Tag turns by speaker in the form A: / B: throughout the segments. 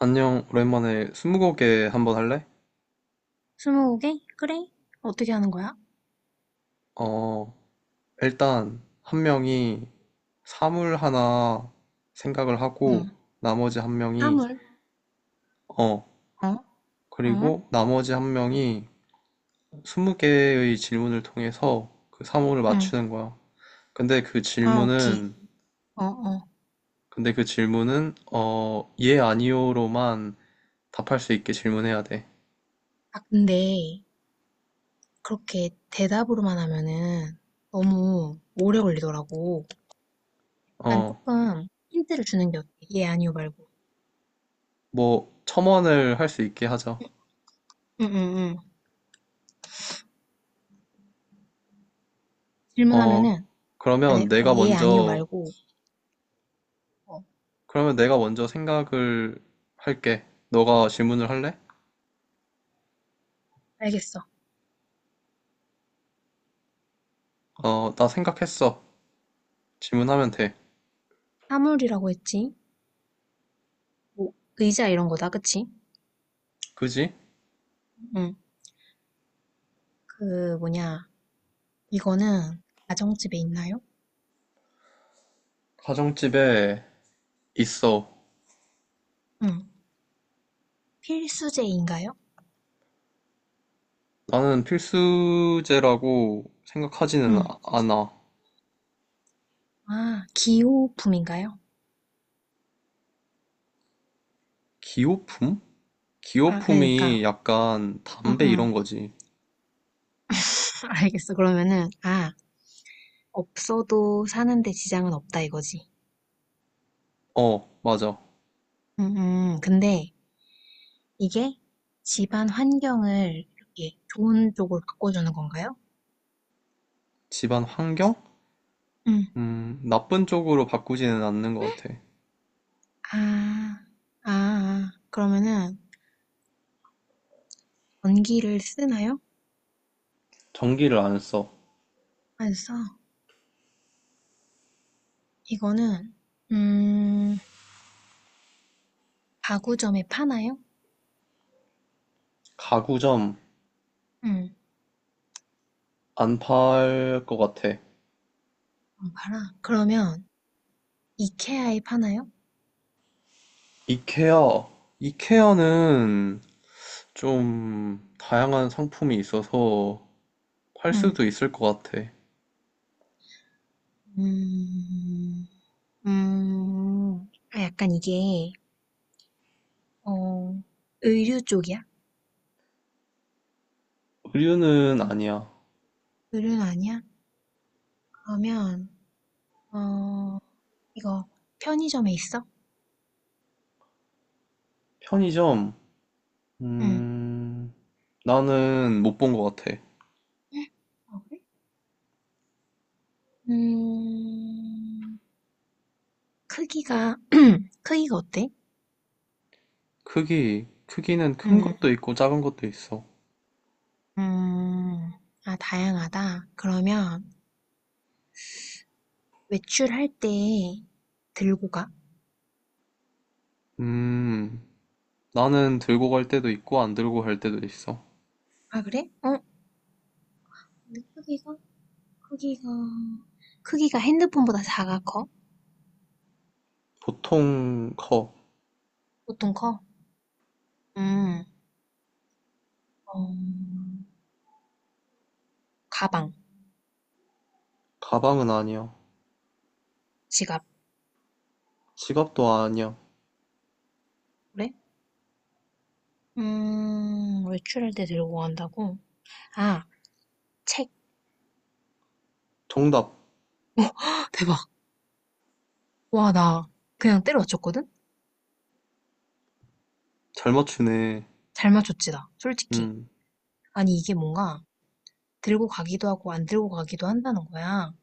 A: 안녕, 오랜만에 스무고개 한번 할래?
B: 스무 개 그래? 어떻게 하는 거야?
A: 어, 일단 한 명이 사물 하나 생각을
B: 응,
A: 하고 나머지 한 명이
B: 사물.
A: 어,
B: 어, 응,
A: 그리고 나머지 한 명이 스무 개의 질문을 통해서 그 사물을
B: 응.
A: 맞추는 거야. 근데 그
B: 아, 오케이.
A: 질문은
B: 어, 어.
A: 근데 그 질문은 예 아니오로만 답할 수 있게 질문해야 돼.
B: 아, 근데 그렇게 대답으로만 하면은 너무 오래 걸리더라고. 난
A: 어,
B: 조금 힌트를 주는 게 어때? 예, 아니요 말고.
A: 뭐 첨언을 할 수 있게 하자.
B: 응, 응, 응.
A: 어,
B: 질문하면은
A: 그러면
B: 만약에 어,
A: 내가
B: 예, 아니요
A: 먼저
B: 말고 어,
A: 그러면 내가 먼저 생각을 할게. 너가 질문을 할래?
B: 알겠어.
A: 어, 나 생각했어. 질문하면 돼.
B: 사물이라고 했지? 뭐, 의자 이런 거다, 그치?
A: 그지?
B: 응. 그 뭐냐? 이거는 가정집에 있나요?
A: 가정집에 있어.
B: 응. 필수제인가요?
A: 나는 필수제라고 생각하지는
B: 응.
A: 않아.
B: 아, 기호품인가요?
A: 기호품?
B: 아,
A: 기호품이
B: 그러니까,
A: 약간
B: 응,
A: 담배
B: 응.
A: 이런 거지.
B: 알겠어. 그러면은, 아, 없어도 사는데 지장은 없다 이거지.
A: 어, 맞아.
B: 응, 응. 근데 이게 집안 환경을 이렇게 좋은 쪽으로 바꿔주는 건가요?
A: 집안 환경?
B: 응.
A: 나쁜 쪽으로 바꾸지는 않는 것 같아.
B: 아, 아, 아. 그러면은 전기를 쓰나요?
A: 전기를 안 써.
B: 안 써. 이거는, 음, 가구점에 파나요?
A: 가구점
B: 응,
A: 안 팔 것 같아.
B: 안 팔아. 그러면 이케아에 파나요?
A: 이케아. 이케아는 좀 다양한 상품이 있어서 할
B: 응.
A: 수도 있을 것 같아.
B: 음, 아, 약간 이게, 어, 의류 쪽이야?
A: 의류는 아니야.
B: 의류는 아니야? 그러면, 어, 이거 편의점에 있어?
A: 편의점,
B: 응.
A: 음, 나는 못 본 것 같아.
B: 응? 어, 그래? 음, 크기가, 크기가 어때?
A: 크기는 큰
B: 음,
A: 것도 있고 작은 것도 있어.
B: 음, 아, 다양하다. 그러면 외출할 때 들고 가.
A: 음, 나는 들고 갈 때도 있고 안 들고 갈 때도 있어.
B: 아, 그래? 어? 근데 크기가, 크기가 핸드폰보다 작아 커?
A: 보통 커.
B: 보통 커? 음. 어, 가방,
A: 가방은 아니야.
B: 지갑,
A: 지갑도 아니야.
B: 그래? 외출할 때 들고 간다고? 아, 책.
A: 정답.
B: 헉, 대박. 와, 나 그냥 때려 맞췄거든?
A: 잘 맞추네.
B: 잘 맞췄지, 나. 솔직히.
A: 음,
B: 아니, 이게 뭔가 들고 가기도 하고 안 들고 가기도 한다는 거야.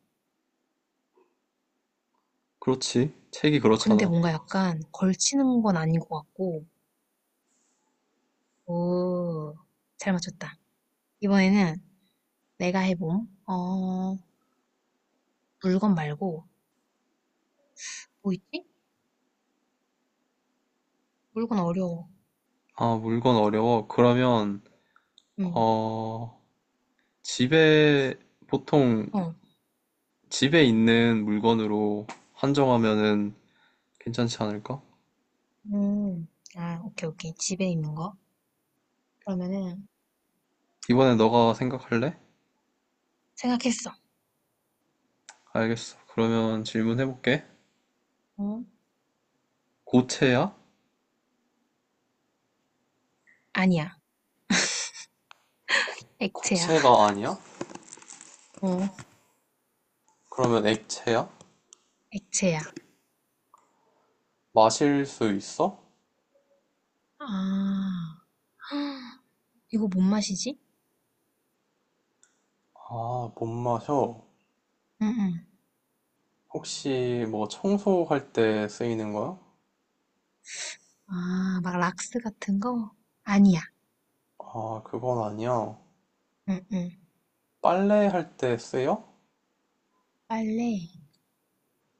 A: 그렇지. 책이
B: 근데
A: 그렇잖아.
B: 뭔가 약간 걸치는 건 아닌 것 같고. 오, 잘 맞췄다. 이번에는 내가 해봄. 어, 물건 말고, 뭐 있지? 물건 어려워.
A: 아, 물건 어려워. 그러면,
B: 응,
A: 어, 집에 보통
B: 어.
A: 집에 있는 물건으로 한정하면은 괜찮지 않을까?
B: 음, 아, 오케이, 오케이. 집에 있는 거. 그러면은
A: 이번에 너가 생각할래?
B: 생각했어.
A: 알겠어. 그러면 질문해볼게.
B: 어?
A: 고체야?
B: 아니야. 액체야.
A: 고체가 아니야?
B: 어?
A: 그러면 액체야?
B: 액체야.
A: 마실 수 있어?
B: 아. 이거 뭔 맛이지?
A: 아, 못 마셔.
B: 응응.
A: 혹시 뭐 청소할 때 쓰이는 거야?
B: 아, 막 락스 같은 거? 아니야.
A: 아, 그건 아니야.
B: 응응.
A: 빨래할 때 쓰여?
B: 빨래.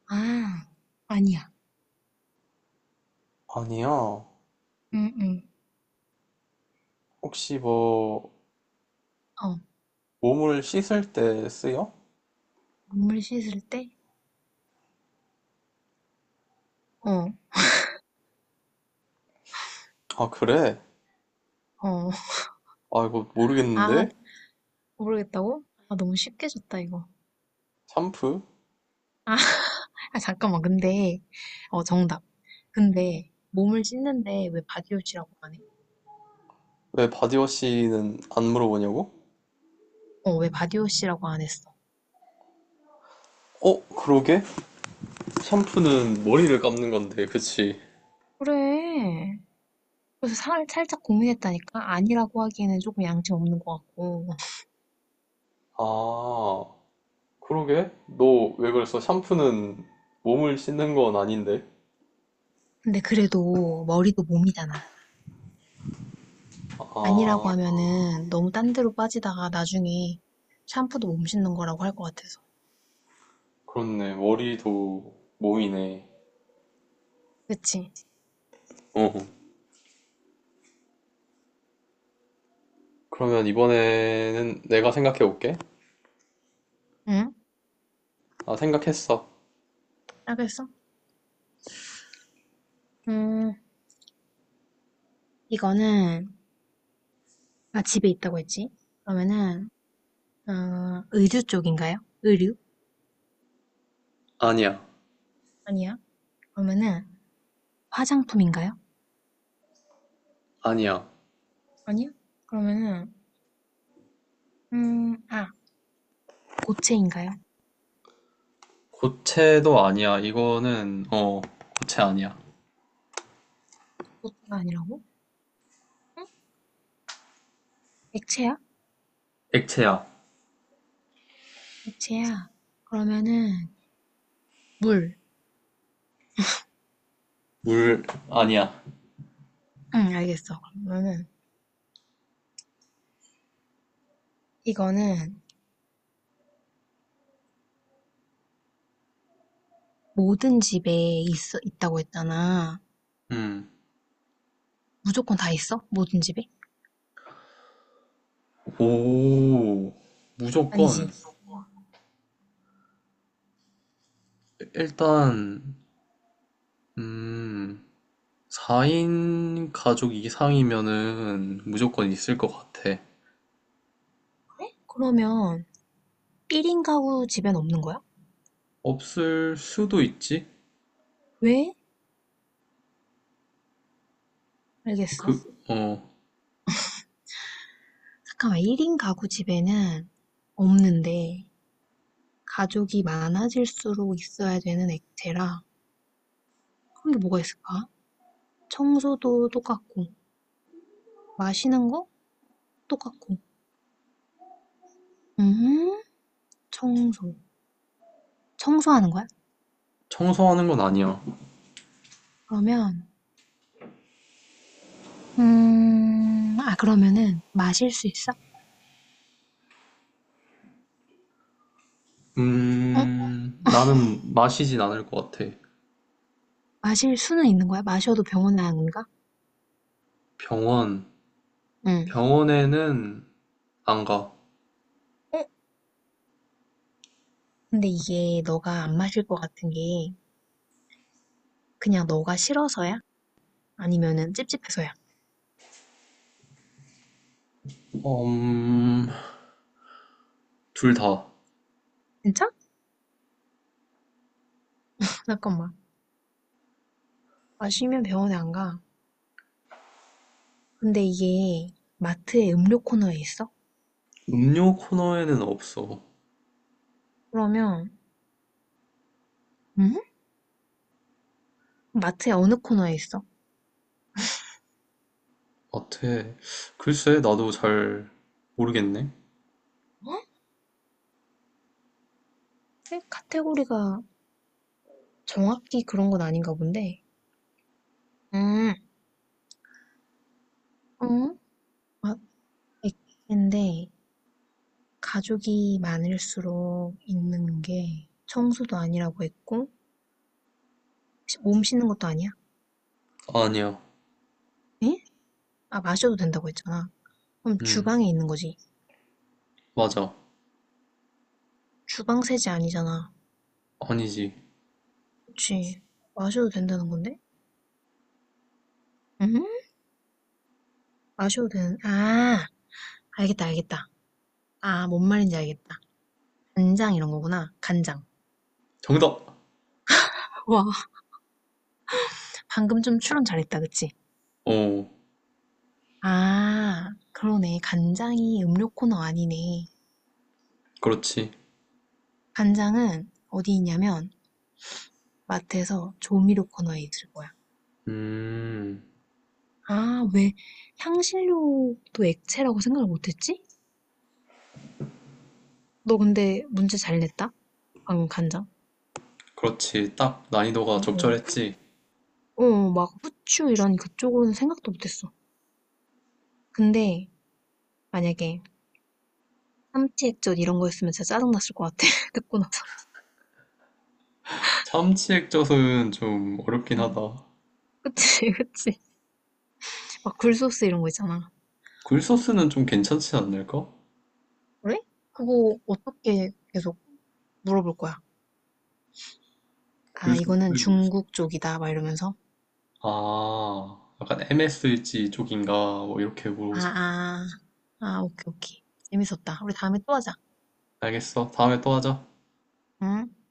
B: 아, 아니야.
A: 아니야.
B: 응응.
A: 혹시 뭐
B: 어.
A: 몸을 씻을 때 쓰여?
B: 눈물 씻을 때? 어.
A: 아, 그래.
B: 어.
A: 아, 이거
B: 아,
A: 모르겠는데?
B: 모르겠다고? 아, 너무 쉽게 줬다, 이거.
A: 샴푸?
B: 아, 아, 잠깐만. 근데 어 정답. 근데 몸을 씻는데 왜 바디워시라고 안 해?
A: 왜 바디워시는 안 물어보냐고?
B: 어, 왜 바디워시라고 안 했어?
A: 어, 그러게? 샴푸는 머리를 감는 건데, 그치?
B: 그래. 그래서 살짝 고민했다니까? 아니라고 하기에는 조금 양심 없는 것 같고.
A: 아, 그러게? 너 왜 그랬어? 샴푸는 몸을 씻는 건 아닌데?
B: 근데 그래도 머리도 몸이잖아. 아니라고
A: 아,
B: 하면은 너무 딴 데로 빠지다가 나중에 샴푸도 몸 씻는 거라고 할 것 같아서.
A: 그렇네. 머리도 모이네.
B: 그치?
A: 어. 그러면 이번에는 내가 생각해 볼게.
B: 응?
A: 아, 생각했어.
B: 알겠어? 음, 이거는, 아, 집에 있다고 했지? 그러면은, 어, 의류 쪽인가요? 의류?
A: 아니야.
B: 아니야. 그러면은, 화장품인가요?
A: 아니야.
B: 아니야. 그러면은, 아, 고체인가요?
A: 고체도 아니야. 고체 아니야.
B: 고체가 아니라고? 응? 액체야?
A: 액체야.
B: 액치야 그러면은 물.
A: 물 아니야.
B: 응, 알겠어. 그러면은 이거는 모든 집에 있어 있다고 했잖아.
A: 음.
B: 무조건 다 있어? 모든 집에?
A: 오, 무조건,
B: 아니지.
A: 일단, 음, 4인 가족 이상이면은 무조건 있을 것 같아.
B: 그러면 1인 가구 집엔 없는 거야?
A: 없을 수도 있지?
B: 왜?
A: 그,
B: 알겠어.
A: 어,
B: 잠깐만, 1인 가구 집에는 없는데 가족이 많아질수록 있어야 되는 액체라 그런 게 뭐가 있을까? 청소도 똑같고 마시는 거 똑같고. 음, 청소. 청소하는 거야?
A: 청소하는 건 아니야.
B: 그러면 아, 그러면은 마실 수 있어? 응?
A: 나는 마시진 않을 것 같아.
B: 마실 수는 있는 거야? 마셔도 병원 나안가
A: 병원,
B: 응.
A: 병원에는 안 가.
B: 어? 근데 이게 너가 안 마실 것 같은 게 그냥 너가 싫어서야? 아니면은 찝찝해서야?
A: 음, 둘 다.
B: 진짜? 잠깐만. 마시면 병원에 안 가. 근데 이게 마트의 음료 코너에 있어?
A: 음료 코너에는 없어.
B: 그러면, 응? 마트의 어느 코너에 있어?
A: 같아. 글쎄, 나도 잘 모르겠네.
B: 어? 에? 카테고리가 정확히 그런 건 아닌가 본데. 음. 응? 마- 있는데 가족이 많을수록 있는 게 청소도 아니라고 했고 몸 씻는 것도 아니야?
A: 아니야.
B: 에? 아 마셔도 된다고 했잖아. 그럼
A: 음,
B: 주방에 있는 거지.
A: 맞아.
B: 주방 세제 아니잖아.
A: 아니지.
B: 그치. 마셔도 된다는 건데? 응? 마셔도 되는 아 알겠다 알겠다. 아 뭔 말인지 알겠다. 간장 이런 거구나. 간장.
A: 정답!
B: 와, 방금 좀 추론 잘했다, 그치?
A: 어,
B: 아, 그러네. 간장이 음료 코너 아니네.
A: 그렇지.
B: 간장은 어디 있냐면 마트에서 조미료 코너에 있을 거야.
A: 음,
B: 아, 왜 향신료도 액체라고 생각을 못했지? 너 근데 문제 잘 냈다? 방금 간장.
A: 그렇지. 딱 난이도가
B: 어, 어.
A: 적절했지.
B: 어, 막 후추 이런 그쪽으로는 생각도 못했어. 근데 만약에 삼치 액젓 이런 거였으면 진짜 짜증났을 것 같아. 듣고 나서.
A: 참치 액젓은 좀 어렵긴
B: 응.
A: 하다.
B: 그치, 그치. 막 굴소스 이런 거 있잖아.
A: 굴소스는 좀 괜찮지 않을까?
B: 그래? 그거 어떻게 계속 물어볼 거야? 아,
A: 굴소스.
B: 이거는 중국 쪽이다. 막 이러면서.
A: 아, 약간 MSG 쪽인가? 뭐 이렇게
B: 아,
A: 물어보자.
B: 아. 아, 오케이, 오케이. 재밌었다. 우리 다음에 또 하자.
A: 알겠어. 다음에 또 하자.
B: 응?